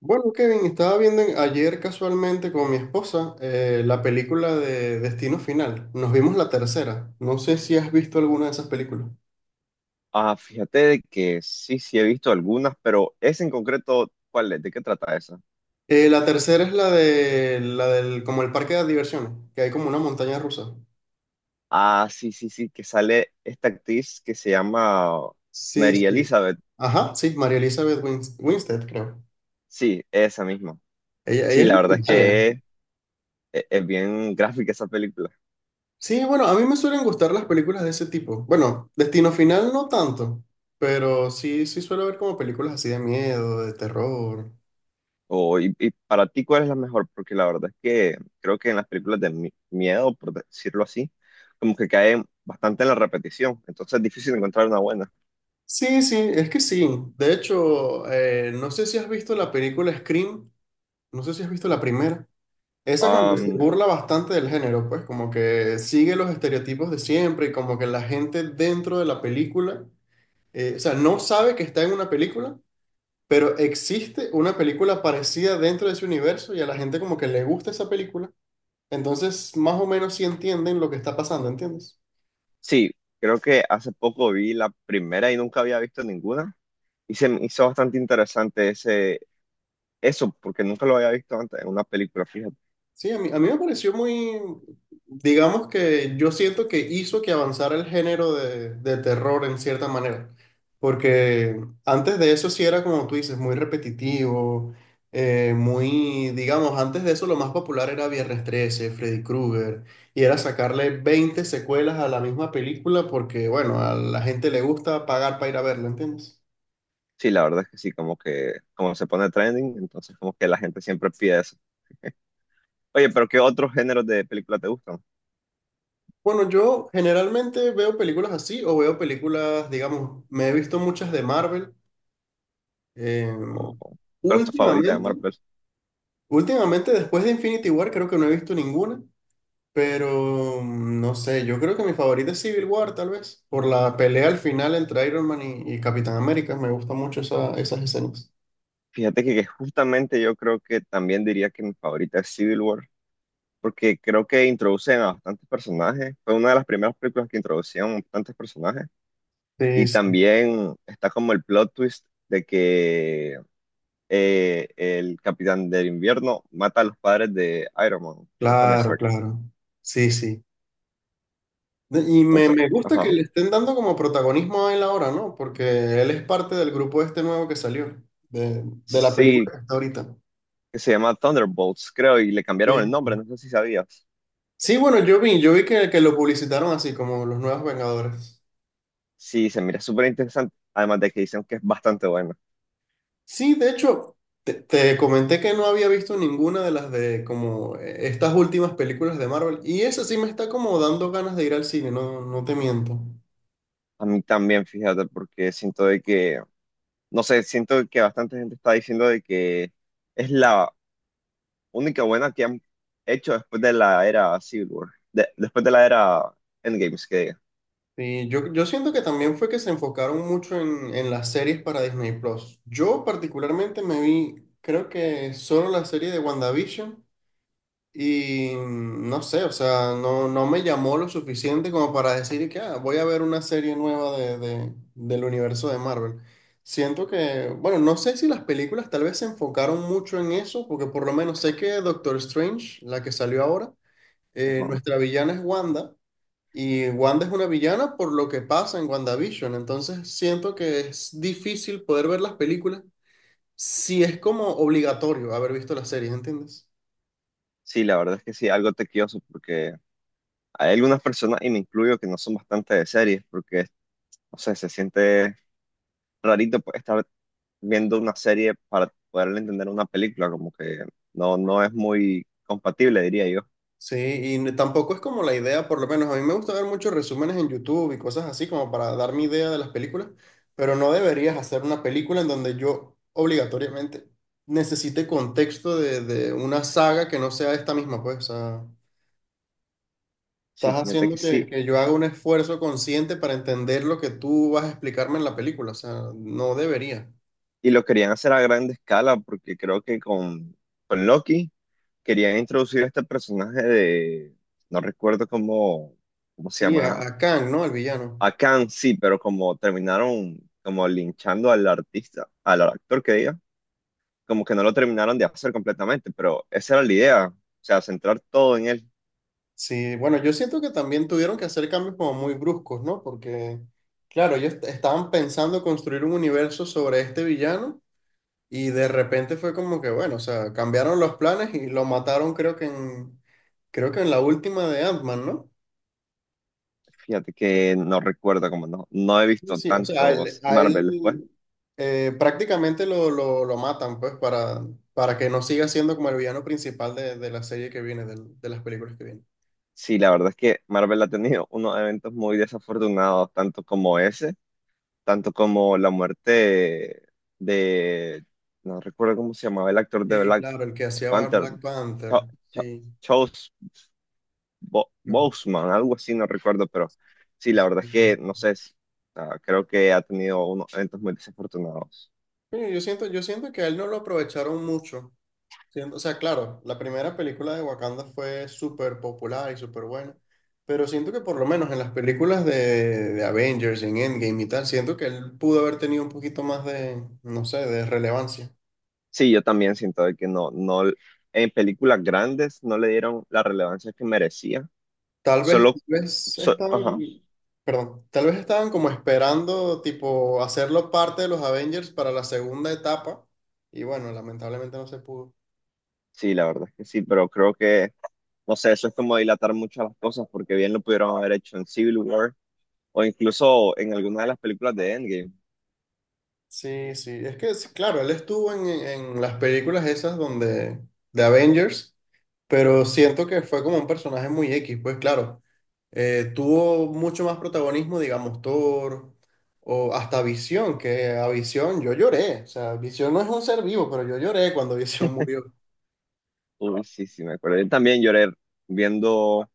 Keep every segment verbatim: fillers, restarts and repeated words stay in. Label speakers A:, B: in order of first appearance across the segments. A: Bueno, Kevin, estaba viendo en- ayer casualmente con mi esposa eh, la película de Destino Final. Nos vimos la tercera. No sé si has visto alguna de esas películas.
B: Ah, fíjate de que sí, sí he visto algunas, pero esa en concreto, ¿cuál es? ¿De qué trata esa?
A: Eh, la tercera es la de la del como el parque de diversiones, que hay como una montaña rusa.
B: Ah, sí, sí, sí, que sale esta actriz que se llama
A: Sí,
B: Mary
A: sí.
B: Elizabeth.
A: Ajá, sí, María Elizabeth Wins- Winstead, creo.
B: Sí, esa misma.
A: Ella, ella
B: Sí,
A: es
B: la verdad es
A: legendaria.
B: que es, es- es bien gráfica esa película.
A: Sí, bueno, a mí me suelen gustar las películas de ese tipo. Bueno, Destino Final no tanto, pero sí, sí suelo ver como películas así de miedo, de terror.
B: O, y, y para ti, ¿cuál es la mejor? Porque la verdad es que creo que en las películas de mi- miedo, por decirlo así, como que caen bastante en la repetición. Entonces es difícil encontrar una buena.
A: Sí, sí, es que sí. De hecho, eh, no sé si has visto la película Scream, no sé si has visto la primera. Esa como que se burla bastante del género, pues como que sigue los estereotipos de siempre y como que la gente dentro de la película, eh, o sea, no sabe que está en una película, pero existe una película parecida dentro de ese universo y a la gente como que le gusta esa película. Entonces, más o menos sí entienden lo que está pasando, ¿entiendes?
B: Sí, creo que hace poco vi la primera y nunca había visto ninguna. Y se me hizo bastante interesante ese, eso, porque nunca lo había visto antes en una película, fíjate.
A: Sí, a mí, a mí me pareció muy, digamos que yo siento que hizo que avanzara el género de, de terror en cierta manera, porque antes de eso sí era como tú dices, muy repetitivo, eh, muy, digamos, antes de eso lo más popular era Viernes trece Freddy Krueger, y era sacarle veinte secuelas a la misma película porque, bueno, a la gente le gusta pagar para ir a verla, ¿entiendes?
B: Sí, la verdad es que sí, como que como se pone trending, entonces como que la gente siempre pide eso. Oye, pero ¿qué otros géneros de película te gustan?
A: Bueno, yo generalmente veo películas así o veo películas, digamos, me he visto muchas de Marvel. Eh,
B: ¿O o cuál es tu favorita de
A: últimamente,
B: Marvel?
A: últimamente después de Infinity War creo que no he visto ninguna, pero mm, no sé, yo creo que mi favorita es Civil War tal vez, por la pelea al final entre Iron Man y, y Capitán América, me gusta mucho esa- esas escenas.
B: Fíjate que, que justamente yo creo que también diría que mi favorita es Civil War, porque creo que introducen a bastantes personajes. Fue una de las primeras películas que introducían bastantes personajes.
A: Sí,
B: Y
A: sí,
B: también está como el plot twist de que eh, el Capitán del Invierno mata a los padres de Iron Man, de Tony
A: claro,
B: Stark.
A: claro, sí, sí. De- Y me,
B: Entonces,
A: me gusta que
B: ajá.
A: le estén dando como protagonismo a él ahora, ¿no? Porque él es parte del grupo este nuevo que salió, de,
B: Sí,
A: de la película
B: sí,
A: que está ahorita.
B: que se llama Thunderbolts, creo, y le cambiaron el
A: Sí,
B: nombre,
A: sí.
B: no sé si sabías.
A: Sí, bueno, yo vi, yo vi que, que lo publicitaron así, como los nuevos Vengadores.
B: Sí, se mira súper interesante, además de que dicen que es bastante bueno.
A: Sí, de hecho, te, te comenté que no había visto ninguna de las de como eh, estas últimas películas de Marvel. Y esa sí me está como dando ganas de ir al cine, no, no te miento.
B: A mí también, fíjate, porque siento de que, no sé, siento que bastante gente está diciendo de que es la única buena que han hecho después de la era Civil War, de- después de la era Endgames, que diga.
A: Sí, yo, yo siento que también fue que se enfocaron mucho en, en las series para Disney Plus. Yo particularmente me vi, creo que solo la serie de WandaVision. Y mm, no sé, o sea, no, no me llamó lo suficiente como para decir que "Ah, voy a ver una serie nueva de, de- del universo de Marvel. Siento que, bueno, no sé si las películas tal vez se enfocaron mucho en eso, porque por lo menos sé que Doctor Strange, la que salió ahora, eh,
B: Ajá.
A: nuestra villana es Wanda, y Wanda es una villana por lo que pasa en WandaVision, entonces siento que es difícil poder ver las películas si es como obligatorio haber visto las series, ¿entiendes?
B: Sí, la verdad es que sí, algo tequioso porque hay algunas personas, y me incluyo, que no son bastante de series, porque, no sé, se siente rarito pues, estar viendo una serie para poder entender una película, como que no, no es muy compatible, diría yo.
A: Sí, y tampoco es como la idea, por lo menos a mí me gusta ver muchos resúmenes en YouTube y cosas así como para dar mi idea de las películas, pero no deberías hacer una película en donde yo obligatoriamente necesite contexto de, de una saga que no sea esta misma, pues, o sea,
B: Sí,
A: estás
B: fíjate
A: haciendo
B: que
A: que,
B: sí.
A: que yo haga un esfuerzo consciente para entender lo que tú vas a explicarme en la película, o sea, no debería.
B: Y lo querían hacer a gran escala porque creo que con, con Loki querían introducir a este personaje de, no recuerdo cómo, cómo se
A: Sí, a,
B: llama,
A: a Kang, ¿no? El villano.
B: Akan sí, pero como terminaron como linchando al artista, al actor que diga, como que no lo terminaron de hacer completamente, pero esa era la idea, o sea, centrar todo en él.
A: Sí, bueno, yo siento que también tuvieron que hacer cambios como muy bruscos, ¿no? Porque, claro, ellos est- estaban pensando construir un universo sobre este villano y de repente fue como que, bueno, o sea, cambiaron los planes y lo mataron creo que en, creo que en la última de Ant-Man, ¿no?
B: Fíjate que no recuerdo, como no, no he
A: Sí,
B: visto
A: sí, o sea, a él,
B: tantos
A: a
B: Marvel después.
A: él, eh, prácticamente lo, lo, lo matan, pues, para, para que no siga siendo como el villano principal de, de la serie que viene, del- de, las películas que vienen.
B: Sí, la verdad es que Marvel ha tenido unos eventos muy desafortunados, tanto como ese tanto como la muerte de, no recuerdo cómo se llamaba el actor de
A: Sí,
B: Black
A: claro, el que hacía
B: Panther,
A: Black Panther,
B: Cho- Cho-
A: sí.
B: Chos Bo-
A: Claro.
B: Boseman, algo así, no recuerdo, pero sí, la verdad es que, no sé, es- ah, creo que ha tenido unos eventos muy desafortunados.
A: Sí, yo siento, yo siento, que a él no lo aprovecharon mucho. Siento- o sea, claro, la primera película de Wakanda fue súper popular y súper buena, pero siento que por lo menos en las películas de, de Avengers, en Endgame y tal, siento que él pudo haber tenido un poquito más de, no sé, de relevancia.
B: Sí, yo también siento de que no, no, en películas grandes no le dieron la relevancia que merecía,
A: Tal vez, tal
B: solo,
A: vez
B: so-
A: estaban,
B: ajá.
A: perdón, tal vez estaban como esperando, tipo, hacerlo parte de los Avengers para la segunda etapa, y bueno, lamentablemente no se pudo.
B: Sí, la verdad es que sí, pero creo que, no sé, eso es como dilatar mucho las cosas, porque bien lo pudieron haber hecho en Civil War o incluso en alguna de las películas de Endgame.
A: Sí, sí, es que sí, claro, él estuvo en, en las películas esas donde de Avengers, pero siento que fue como un personaje muy X, pues claro, eh, tuvo mucho más protagonismo, digamos, Thor o hasta Visión, que a Visión yo lloré, o sea, Visión no es un ser vivo, pero yo lloré cuando Visión murió.
B: Uy, sí, sí, me acuerdo. Yo también lloré viendo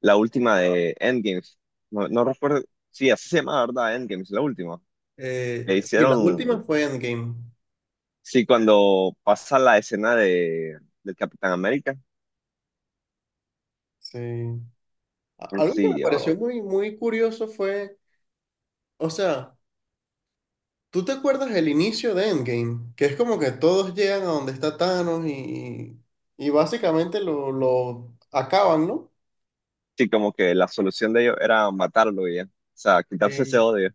B: la última de Endgames. No, no recuerdo, sí, así se llama, ¿verdad? Endgames, la última.
A: Eh,
B: Que
A: y la
B: hicieron,
A: última fue Endgame.
B: sí, cuando pasa la escena de, del Capitán América.
A: Sí. A- Algo que
B: Sí,
A: me pareció
B: yo-
A: muy, muy curioso fue, o sea, ¿tú te acuerdas el inicio de Endgame? Que es como que todos llegan a donde está Thanos y, y básicamente lo, lo acaban, ¿no?
B: sí, como que la solución de ellos era matarlo y ya. O sea, quitarse ese
A: Sí.
B: odio.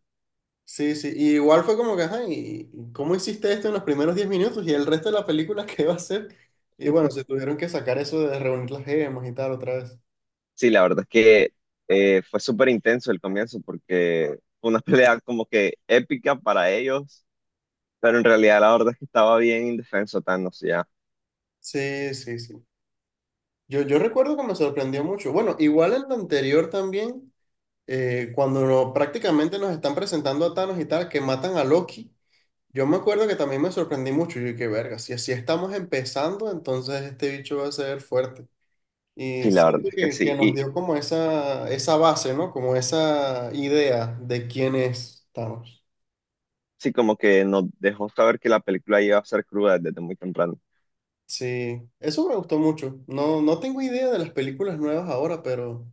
A: Sí, sí. Y igual fue como que, ajá, ¿y y cómo hiciste esto en los primeros diez minutos? Y el resto de la película, ¿qué va a ser? Y bueno, se tuvieron que sacar eso de reunir las gemas y tal otra vez.
B: Sí, la verdad es que eh, fue súper intenso el comienzo porque fue una pelea como que épica para ellos, pero en realidad la verdad es que estaba bien indefenso Thanos ya.
A: Sí, sí, sí. Yo, yo recuerdo que me sorprendió mucho. Bueno, igual en lo anterior también, eh, cuando no- prácticamente nos están presentando a Thanos y tal, que matan a Loki. Yo me acuerdo que también me sorprendí mucho. Yo dije, verga, si así estamos empezando, entonces este bicho va a ser fuerte. Y
B: Sí, la verdad
A: siento
B: es que
A: que, que
B: sí.
A: nos
B: Y
A: dio como esa, esa base, ¿no? Como esa idea de quiénes estamos.
B: sí, como que nos dejó saber que la película iba a ser cruda desde muy temprano.
A: Sí, eso me gustó mucho. No, no tengo idea de las películas nuevas ahora, pero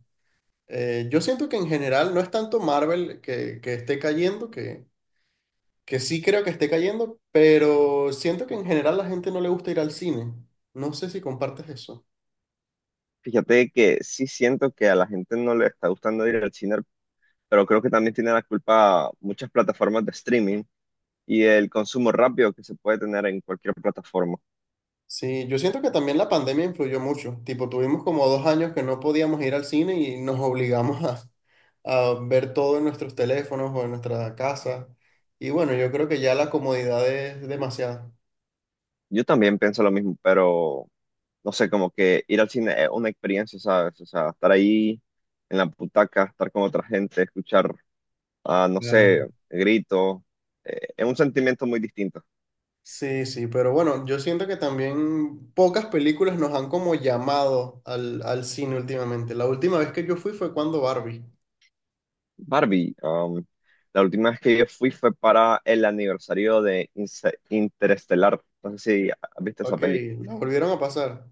A: eh, yo siento que en general no es tanto Marvel que, que esté cayendo, que, que sí creo que esté cayendo, pero siento que en general la gente no le gusta ir al cine. No sé si compartes eso.
B: Fíjate que sí siento que a la gente no le está gustando ir al cine, pero creo que también tiene la culpa muchas plataformas de streaming y el consumo rápido que se puede tener en cualquier plataforma.
A: Sí, yo siento que también la pandemia influyó mucho. Tipo, tuvimos como dos años que no podíamos ir al cine y nos obligamos a, a ver todo en nuestros teléfonos o en nuestra casa. Y bueno, yo creo que ya la comodidad es demasiada.
B: Yo también pienso lo mismo, pero, no sé, como que ir al cine es una experiencia, ¿sabes? O sea, estar ahí en la butaca, estar con otra gente, escuchar, ah, no
A: Claro.
B: sé, gritos, eh, es un sentimiento muy distinto.
A: Sí, sí, pero bueno, yo siento que también pocas películas nos han como llamado al, al cine últimamente. La última vez que yo fui fue cuando Barbie.
B: Barbie, um, la última vez que yo fui fue para el aniversario de Inse- Interestelar. No sé si viste esa
A: Ok,
B: peli.
A: la volvieron a pasar.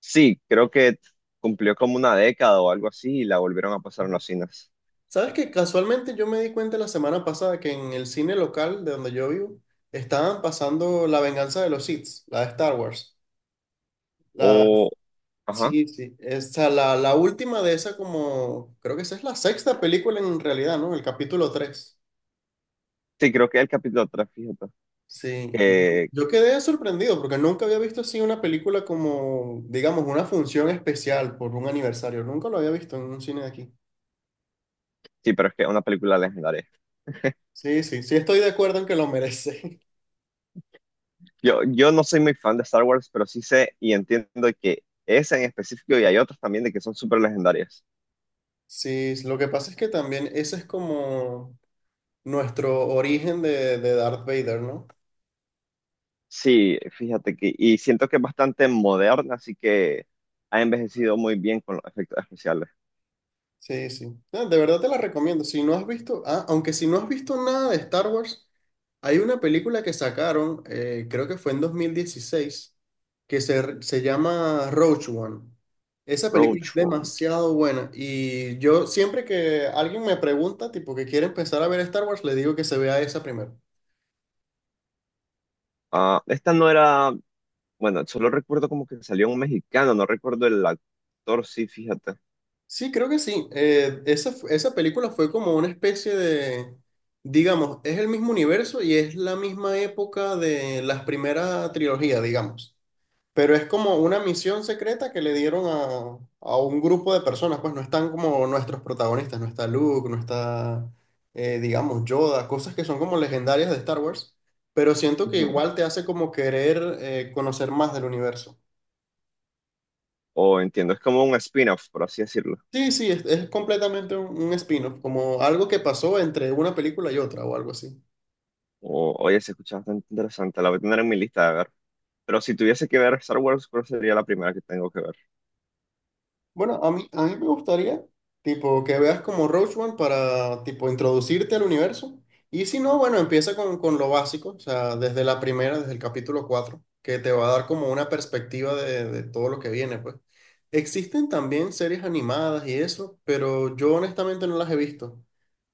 B: Sí, creo que cumplió como una década o algo así y la volvieron a pasar en los cines.
A: Sabes que casualmente yo me di cuenta la semana pasada que en el cine local de donde yo vivo estaban pasando La Venganza de los Sith, la de Star Wars. La,
B: O, ajá,
A: sí, sí, esa, la, la última de esa como, creo que esa es la sexta película en realidad, ¿no? El capítulo tres.
B: sí, creo que es el capítulo tres, fíjate.
A: Sí,
B: Que,
A: yo quedé sorprendido porque nunca había visto así una película como, digamos, una función especial por un aniversario. Nunca lo había visto en un cine de aquí.
B: sí, pero es que es una película legendaria.
A: Sí, sí, sí, estoy de acuerdo en que lo merece.
B: Yo, yo no soy muy fan de Star Wars, pero sí sé y entiendo que esa en específico y hay otras también de que son súper legendarias.
A: Sí, lo que pasa es que también ese es como nuestro origen de, de Darth Vader, ¿no?
B: Sí, fíjate que, y siento que es bastante moderna, así que ha envejecido muy bien con los efectos especiales.
A: Sí, sí. No, de verdad te la recomiendo. Si no has visto, ah, aunque si no has visto nada de Star Wars, hay una película que sacaron, eh, creo que fue en dos mil dieciséis, que se, se llama Rogue One. Esa película es
B: Roachbone.
A: demasiado buena y yo siempre que alguien me pregunta, tipo que quiere empezar a ver Star Wars, le digo que se vea esa primero.
B: Ah, esta no era, bueno, solo recuerdo como que salió un mexicano, no recuerdo el actor, sí, fíjate.
A: Sí, creo que sí. Eh, esa, fu- esa película fue como una especie de, digamos, es el mismo universo y es la misma época de las primeras trilogías, digamos. Pero es como una misión secreta que le dieron a, a un grupo de personas, pues no están como nuestros protagonistas, no está Luke, no está, eh, digamos, Yoda, cosas que son como legendarias de Star Wars, pero siento que
B: Ujú.
A: igual te hace como querer eh, conocer más del universo.
B: O entiendo, es como un spin-off, por así decirlo.
A: Sí, sí, es, es, completamente un, un spin-off, como algo que pasó entre una película y otra o algo así.
B: O, oye, se escucha bastante interesante, la voy a tener en mi lista de ver. Pero si tuviese que ver Star Wars, ¿cuál sería la primera que tengo que ver?
A: Bueno, a mí, a mí me gustaría, tipo, que veas como Rogue One para, tipo, introducirte al universo. Y si no, bueno, empieza con, con lo básico, o sea, desde la primera, desde el capítulo cuatro que te va a dar como una perspectiva de, de todo lo que viene, pues. Existen también series animadas y eso, pero yo honestamente no las he visto.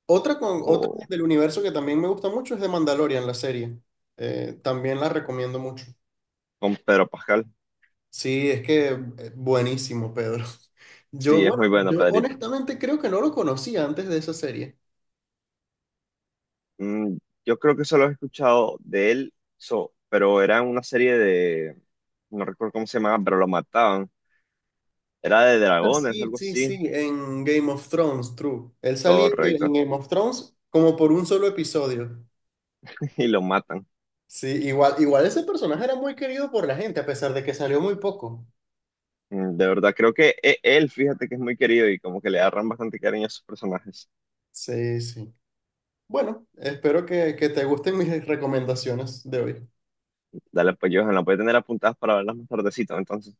A: Otra, con, otra
B: O
A: del universo que también me gusta mucho es de Mandalorian, la serie. Eh, también la recomiendo mucho.
B: con Pedro Pascal.
A: Sí, es que eh, buenísimo, Pedro. Yo,
B: Sí, es
A: bueno,
B: muy bueno,
A: yo
B: Pedrito.
A: honestamente creo que no lo conocía antes de esa serie.
B: Mm, yo creo que solo he escuchado de él, so- pero era una serie de, no recuerdo cómo se llamaba, pero lo mataban. Era de
A: Ah,
B: dragones,
A: sí,
B: algo
A: sí, sí,
B: así.
A: en Game of Thrones, true. Él salía en
B: Correcto.
A: Game of Thrones como por un solo episodio.
B: Y lo matan.
A: Sí, igual, igual ese personaje era muy querido por la gente, a pesar de que salió muy poco.
B: Mm, De verdad, creo que e- él, fíjate que es muy querido y como que le agarran bastante cariño a sus personajes.
A: Sí, sí. Bueno, espero que, que te gusten mis recomendaciones de hoy.
B: Dale, pues yo la voy a tener apuntadas para verlas más tardecito, entonces.